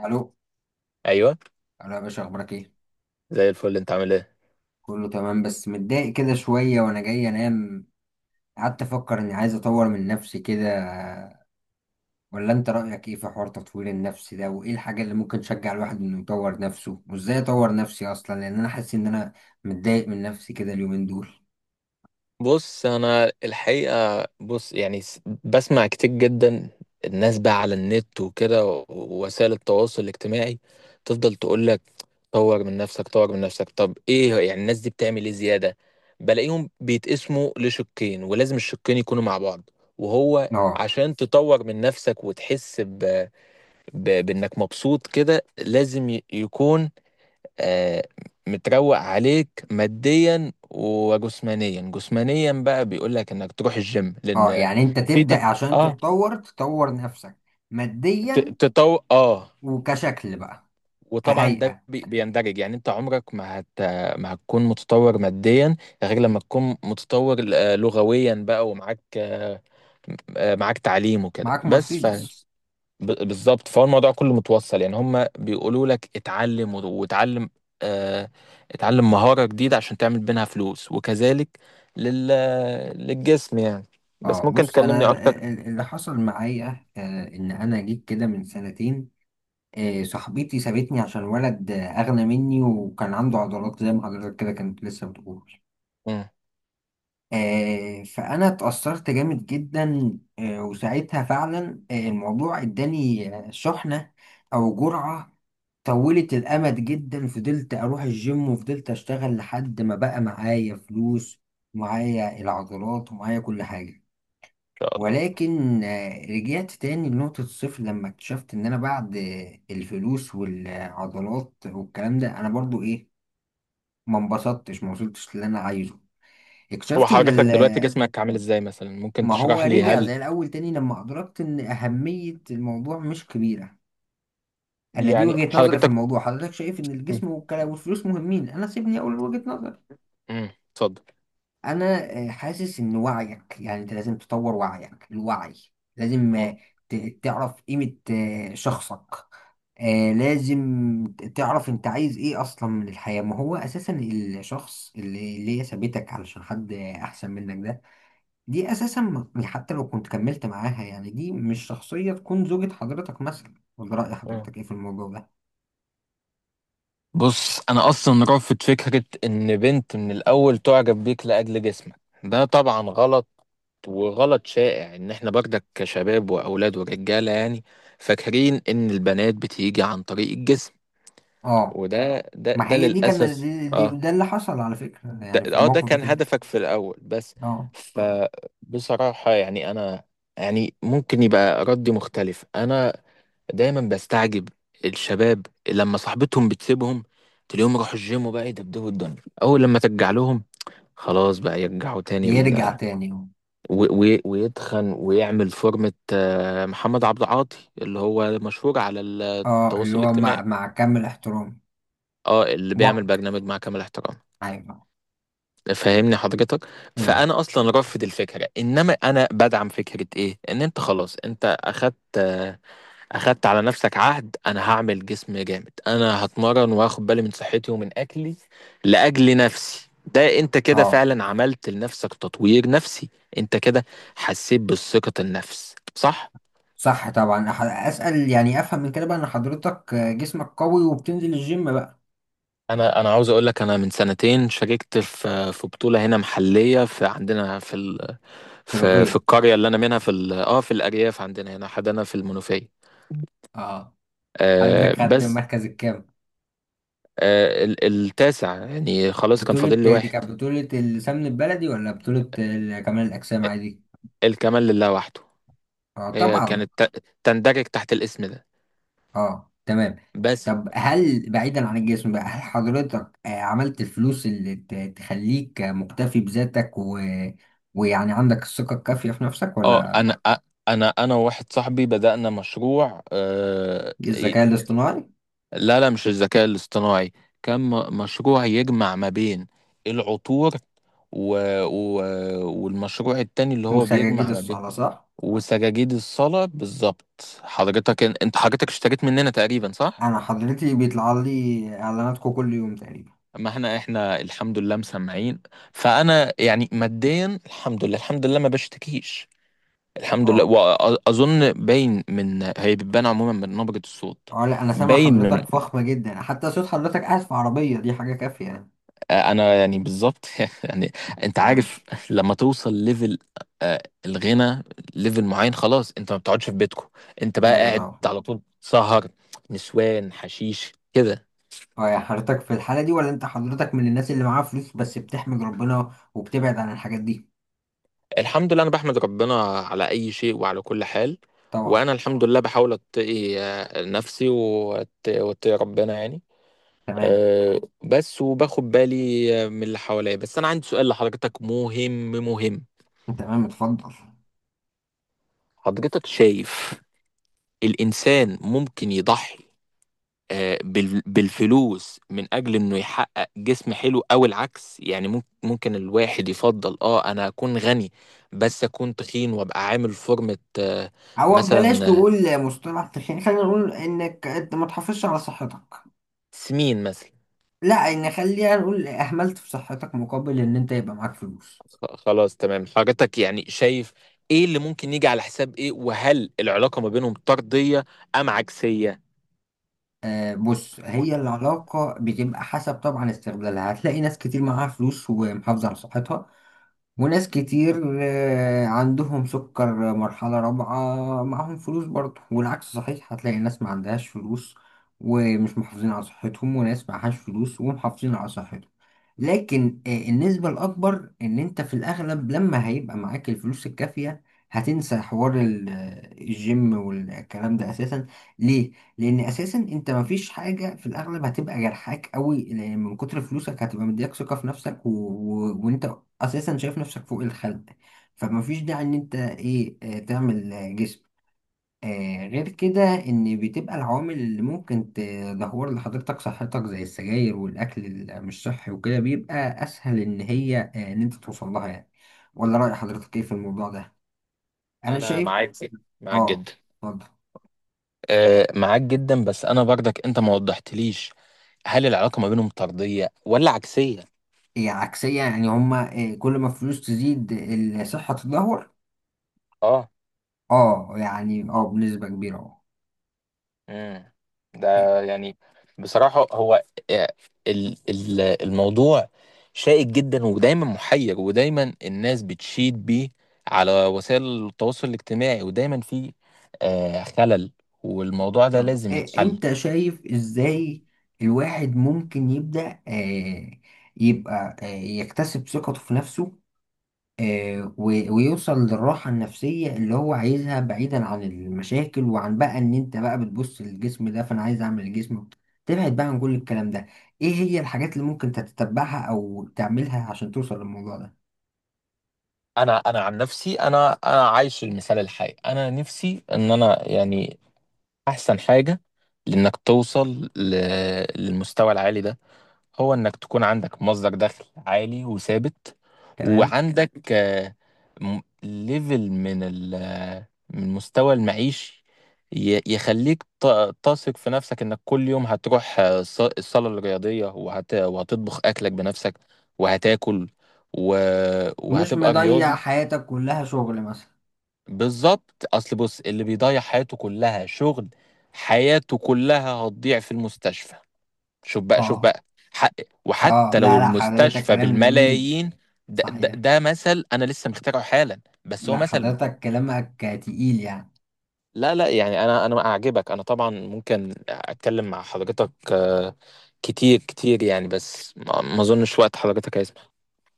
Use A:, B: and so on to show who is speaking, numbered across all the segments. A: الو،
B: ايوه،
A: الو يا باشا، اخبارك ايه؟
B: زي الفل. انت عامل ايه؟
A: كله تمام، بس متضايق كده شويه وانا جاي انام. قعدت افكر اني عايز اطور من نفسي كده. ولا انت رايك ايه في حوار تطوير النفس ده، وايه الحاجه اللي ممكن تشجع الواحد انه يطور نفسه، وازاي اطور نفسي اصلا؟ لان انا حاسس ان انا متضايق من نفسي كده اليومين دول.
B: بص، انا الحقيقه، بسمع كتير جدا الناس بقى على النت وكده ووسائل التواصل الاجتماعي. تفضل تقول لك طور من نفسك طور من نفسك. طب ايه يعني الناس دي بتعمل ايه زياده؟ بلاقيهم بيتقسموا لشقين، ولازم الشقين يكونوا مع بعض. وهو
A: اه،
B: عشان تطور من نفسك وتحس بانك مبسوط كده لازم يكون آه، متروق عليك ماديا وجسمانيا. جسمانيا بقى بيقول لك انك تروح الجيم،
A: اه،
B: لان
A: يعني انت
B: في
A: تبدا عشان
B: اه
A: تتطور تطور نفسك ماديا
B: تطور. اه
A: وكشكل بقى
B: وطبعا ده
A: كهيئه.
B: بيندرج يعني. انت عمرك ما هتكون متطور ماديا غير لما تكون متطور لغويا بقى، ومعاك معاك تعليم وكده.
A: معاك
B: بس
A: مرسيدس.
B: بالظبط، فهو الموضوع كله متوصل. يعني هم بيقولوا لك اتعلم واتعلم، آه اتعلم مهارة جديدة عشان تعمل منها فلوس، وكذلك لل للجسم يعني.
A: اه،
B: بس ممكن
A: بص
B: تكلمني
A: انا
B: اكتر؟
A: اللي حصل معايا ان
B: مم.
A: انا جيت كده من سنتين. صاحبتي سابتني عشان ولد اغنى مني وكان عنده عضلات زي ما حضرتك كده كانت لسه بتقول.
B: ان
A: فانا اتأثرت جامد جدا. وساعتها فعلا الموضوع اداني شحنة او جرعة. طولت الامد جدا، فضلت اروح الجيم وفضلت اشتغل لحد ما بقى معايا فلوس، معايا العضلات ومعايا كل حاجة.
B: شاء الله.
A: ولكن رجعت تاني لنقطة الصفر لما اكتشفت إن أنا بعد الفلوس والعضلات والكلام ده أنا برضو إيه، ما انبسطتش، ما وصلتش للي أنا عايزه.
B: هو
A: اكتشفت إن
B: حضرتك دلوقتي جسمك عامل ازاي مثلا؟ ممكن
A: ما هو
B: تشرح لي؟
A: رجع
B: هل
A: زي الأول تاني لما أدركت إن أهمية الموضوع مش كبيرة. أنا دي
B: يعني
A: وجهة نظري في
B: حضرتك.
A: الموضوع. حضرتك شايف إن الجسم والكلام والفلوس مهمين؟ أنا سيبني أقول وجهة نظري.
B: مم، اتفضل.
A: انا حاسس ان وعيك، يعني انت لازم تطور وعيك. الوعي لازم
B: مم،
A: تعرف قيمة شخصك. لازم تعرف انت عايز ايه اصلا من الحياة. ما هو اساسا الشخص اللي هي سابتك علشان حد احسن منك ده، دي اساسا حتى لو كنت كملت معاها، يعني دي مش شخصية تكون زوجة حضرتك مثلا. ولا رأي
B: مم.
A: حضرتك ايه في الموضوع ده؟
B: بص، انا اصلا رافض فكرة ان بنت من الاول تعجب بيك لاجل جسمك. ده طبعا غلط، وغلط شائع ان احنا برضك كشباب واولاد ورجاله يعني فاكرين ان البنات بتيجي عن طريق الجسم.
A: اه،
B: وده ده
A: ما
B: ده
A: هي دي كان
B: للاسف. اه،
A: ده اللي حصل على فكرة يعني في
B: ده
A: الموقف
B: كان
A: بتاعي.
B: هدفك في الاول بس.
A: اه،
B: فبصراحه يعني انا، يعني ممكن يبقى ردي مختلف. انا دايما بستعجب الشباب لما صاحبتهم بتسيبهم تلاقيهم راحوا الجيم وبقى يدبدبوا الدنيا. اول لما ترجع لهم خلاص بقى يرجعوا تاني،
A: يرجع تاني.
B: ويتخن ويعمل فورمة محمد عبد العاطي اللي هو مشهور على
A: اه، اللي
B: التواصل
A: هو مع
B: الاجتماعي.
A: مع كامل احترامي.
B: اه، اللي بيعمل
A: وك
B: برنامج مع كامل احترام.
A: ايوه.
B: فاهمني حضرتك؟
A: مم.
B: فانا اصلا رافض الفكره، انما انا بدعم فكره ايه؟ ان انت خلاص انت اخدت اخدت على نفسك عهد: انا هعمل جسم جامد، انا هتمرن واخد بالي من صحتي ومن اكلي لاجل نفسي. ده انت كده
A: اه،
B: فعلا عملت لنفسك تطوير نفسي. انت كده حسيت بالثقه النفس، صح؟
A: صح طبعا. اسال يعني، افهم من كده بقى ان حضرتك جسمك قوي وبتنزل الجيم بقى؟
B: انا عاوز اقول لك، انا من سنتين شاركت في بطوله هنا محليه في عندنا في ال...
A: في
B: في
A: الغيط.
B: القريه اللي انا منها في ال... في الارياف عندنا هنا حدانا في المنوفيه.
A: اه. حضرتك
B: آه
A: خدت
B: بس.
A: المركز الكام؟
B: آه ال... التاسع يعني، خلاص كان
A: بطولة
B: فاضل لي
A: دي
B: واحد.
A: كانت بطولة السمن البلدي، ولا بطولة كمال الأجسام عادي؟
B: الكمال لله وحده.
A: اه
B: هي
A: طبعا.
B: كانت تندرج تحت الاسم ده
A: اه تمام.
B: بس.
A: طب هل بعيدا عن الجسم بقى، هل حضرتك عملت الفلوس اللي تخليك مكتفي بذاتك ويعني عندك الثقة الكافية في نفسك،
B: اه،
A: ولا؟
B: انا أ- انا انا وواحد صاحبي بدأنا مشروع آه.
A: الذكاء الاصطناعي.
B: لا لا، مش الذكاء الاصطناعي. كان مشروع يجمع ما بين العطور، و... و... والمشروع التاني اللي هو
A: وسجاجيد
B: بيجمع ما بين
A: الصلاة، صح؟
B: وسجاجيد الصلاة. بالظبط. حضرتك انت، حضرتك اشتريت مننا تقريبا، صح؟
A: أنا حضرتي بيطلع لي إعلاناتكم كل يوم تقريبا.
B: ما احنا الحمد لله مسمعين. فانا يعني ماديا الحمد لله، الحمد لله ما بشتكيش. الحمد لله،
A: أه،
B: واظن باين من، هي بتبان عموما من نبرة الصوت.
A: أه، لا أنا سامع
B: باين من،
A: حضرتك فخمة جدا، حتى صوت حضرتك قاعد في عربية دي حاجة كافية يعني.
B: انا يعني بالظبط يعني. انت
A: تمام.
B: عارف لما توصل ليفل الغنى، ليفل معين، خلاص انت ما بتقعدش في بيتكم. انت بقى
A: أيوة
B: قاعد
A: طبعا.
B: على طول سهر، نسوان، حشيش كده.
A: أه يا حضرتك، في الحالة دي، ولا أنت حضرتك من الناس اللي معاها فلوس بس بتحمد ربنا وبتبعد عن الحاجات دي؟
B: الحمد لله، انا بحمد ربنا على اي شيء وعلى كل حال.
A: طبعا.
B: وانا الحمد لله بحاول اتقي نفسي، واتقي ربنا يعني.
A: تمام.
B: بس وباخد بالي من اللي حواليا. بس انا عندي سؤال لحضرتك، مهم مهم.
A: تمام، اتفضل.
B: حضرتك شايف الإنسان ممكن يضحي بالفلوس من اجل انه يحقق جسم حلو، او العكس؟ يعني ممكن الواحد يفضل، اه، انا اكون غني بس اكون تخين وابقى عامل فورمة
A: أو بلاش
B: مثلا،
A: نقول مصطلح تخين، خلينا نقول إنك أنت ما تحافظش على صحتك.
B: سمين مثلا.
A: لا يعني خلينا نقول اهملت في صحتك مقابل ان انت يبقى معاك فلوس.
B: خلاص تمام. حضرتك يعني شايف ايه اللي ممكن يجي على حساب ايه، وهل العلاقة ما بينهم طردية ام عكسية؟
A: آه، بص، هي العلاقة بتبقى حسب طبعا استغلالها. هتلاقي ناس كتير معاها فلوس ومحافظة على صحتها، وناس كتير عندهم سكر مرحلة رابعة معاهم فلوس برضه. والعكس صحيح، هتلاقي ناس ما عندهاش فلوس ومش محافظين على صحتهم، وناس معهاش فلوس ومحافظين على صحتهم. لكن النسبة الأكبر إن أنت في الأغلب لما هيبقى معاك الفلوس الكافية هتنسى حوار الجيم والكلام ده أساسا. ليه؟ لأن أساسا أنت مفيش حاجة في الأغلب هتبقى جرحاك قوي، لأن من كتر فلوسك هتبقى مديك ثقة في نفسك، وأنت اساسا شايف نفسك فوق الخلق. فمفيش داعي ان انت ايه، تعمل جسم. آه، غير كده، ان بتبقى العوامل اللي ممكن تدهور لحضرتك صحتك زي السجاير والاكل اللي مش صحي وكده بيبقى اسهل ان هي، آه، ان انت توصل لها يعني. ولا رأي حضرتك ايه في الموضوع ده؟ انا
B: انا
A: شايف.
B: معاك، معاك
A: اه،
B: جدا.
A: اتفضل.
B: معاك جدا، بس انا برضك انت ما وضحتليش، هل العلاقة ما بينهم طردية ولا عكسية؟
A: هي عكسية، يعني هما كل ما الفلوس تزيد الصحة تتدهور.
B: اه.
A: اه، يعني اه، بنسبة كبيرة.
B: امم. ده
A: اه.
B: يعني، بصراحة هو آه، الموضوع شائك جدا، ودايما محير، ودايما الناس بتشيد بيه على وسائل التواصل الاجتماعي، ودايما في خلل، والموضوع ده
A: طب
B: لازم يتحل.
A: انت شايف ازاي الواحد ممكن يبدأ يبقى يكتسب ثقته في نفسه، ويوصل للراحة النفسية اللي هو عايزها، بعيدا عن المشاكل وعن بقى ان انت بقى بتبص للجسم ده فانا عايز اعمل الجسم؟ تبعد بقى عن كل الكلام ده. ايه هي الحاجات اللي ممكن تتبعها او تعملها عشان توصل للموضوع ده؟
B: انا عن نفسي، انا عايش المثال الحي. انا نفسي ان انا يعني احسن حاجة لانك توصل للمستوى العالي ده، هو انك تكون عندك مصدر دخل عالي وثابت،
A: تمام.
B: وعندك ليفل من من مستوى المعيشي يخليك تثق في نفسك انك كل يوم هتروح الصالة الرياضية، وهتطبخ اكلك بنفسك، وهتاكل، و...
A: مش
B: وهتبقى
A: مضيع
B: رياضي.
A: حياتك كلها شغل مثلا.
B: بالظبط. اصل بص، اللي بيضيع حياته كلها شغل، حياته كلها هتضيع في المستشفى. شوف بقى، شوف
A: اه.
B: بقى، حق.
A: اه،
B: وحتى لو
A: لا، لا حضرتك،
B: المستشفى
A: كلام جميل.
B: بالملايين.
A: صحيح.
B: ده مثل انا لسه مخترعه حالا، بس هو
A: لا
B: مثل.
A: حضرتك كلامك تقيل يعني.
B: لا لا، يعني انا اعجبك. انا طبعا ممكن اتكلم مع حضرتك كتير كتير يعني، بس ما اظنش وقت حضرتك هيسمح.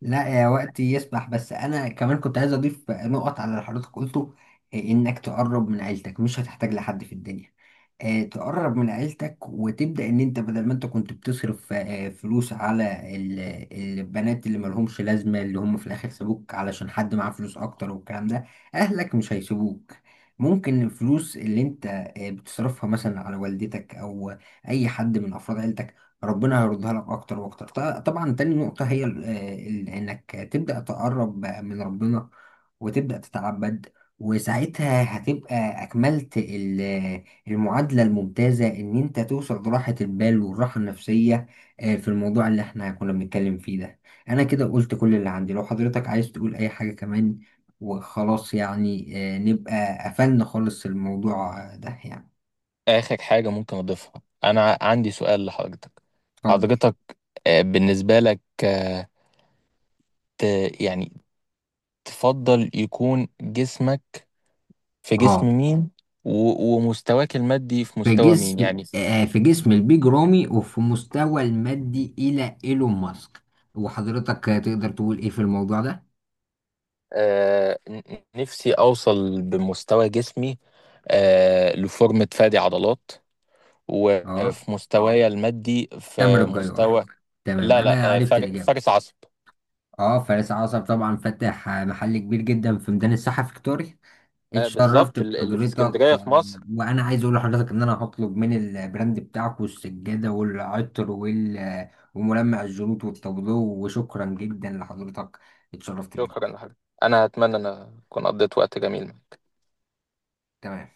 A: لا يا، وقتي يسمح، بس انا كمان كنت عايز اضيف نقط على اللي حضرتك قلته. إيه، انك تقرب من عيلتك مش هتحتاج لحد في الدنيا. تقرب من عيلتك وتبدأ ان انت بدل ما انت كنت بتصرف فلوس على البنات اللي ملهمش لازمة، اللي هم في الاخر سابوك علشان حد معاه فلوس اكتر والكلام ده، اهلك مش هيسيبوك. ممكن الفلوس اللي انت بتصرفها مثلا على والدتك او اي حد من افراد عيلتك ربنا هيردها لك اكتر واكتر. طبعا تاني نقطة هي انك تبدأ تقرب من ربنا وتبدأ تتعبد، وساعتها هتبقى اكملت المعادلة الممتازة إن أنت توصل لراحة البال والراحة النفسية في الموضوع اللي إحنا كنا بنتكلم فيه ده. أنا كده قلت كل اللي عندي، لو حضرتك عايز تقول أي حاجة كمان، وخلاص يعني نبقى قفلنا خالص الموضوع ده يعني.
B: اخر حاجة ممكن اضيفها: انا عندي سؤال لحضرتك.
A: اتفضل.
B: حضرتك بالنسبة لك، يعني، تفضل يكون جسمك في جسم
A: اه،
B: مين، ومستواك المادي في مستوى مين يعني؟
A: في جسم البيج رامي، وفي مستوى المادي إلى إيلون ماسك. وحضرتك تقدر تقول إيه في الموضوع ده؟
B: آه، نفسي اوصل بمستوى جسمي آه لفورمة فادي عضلات،
A: اه،
B: وفي مستواي المادي
A: تامر
B: في
A: الجيار.
B: مستوى،
A: تمام،
B: لا لا،
A: أنا
B: آه
A: عرفت الإجابة.
B: فارس عصب.
A: اه، فارس عصر طبعا، فاتح محل كبير جدا في ميدان الساحة فيكتوريا.
B: آه
A: اتشرفت
B: بالظبط، اللي في
A: بحضرتك.
B: اسكندرية في
A: آه،
B: مصر.
A: وانا عايز اقول لحضرتك ان انا هطلب من البراند بتاعك، والسجادة والعطر وال آه، وملمع الجلوط والتابلو. وشكرا جدا لحضرتك. اتشرفت بيكم.
B: شكرا يا حبيبي. انا اتمنى ان اكون قضيت وقت جميل معاك.
A: تمام.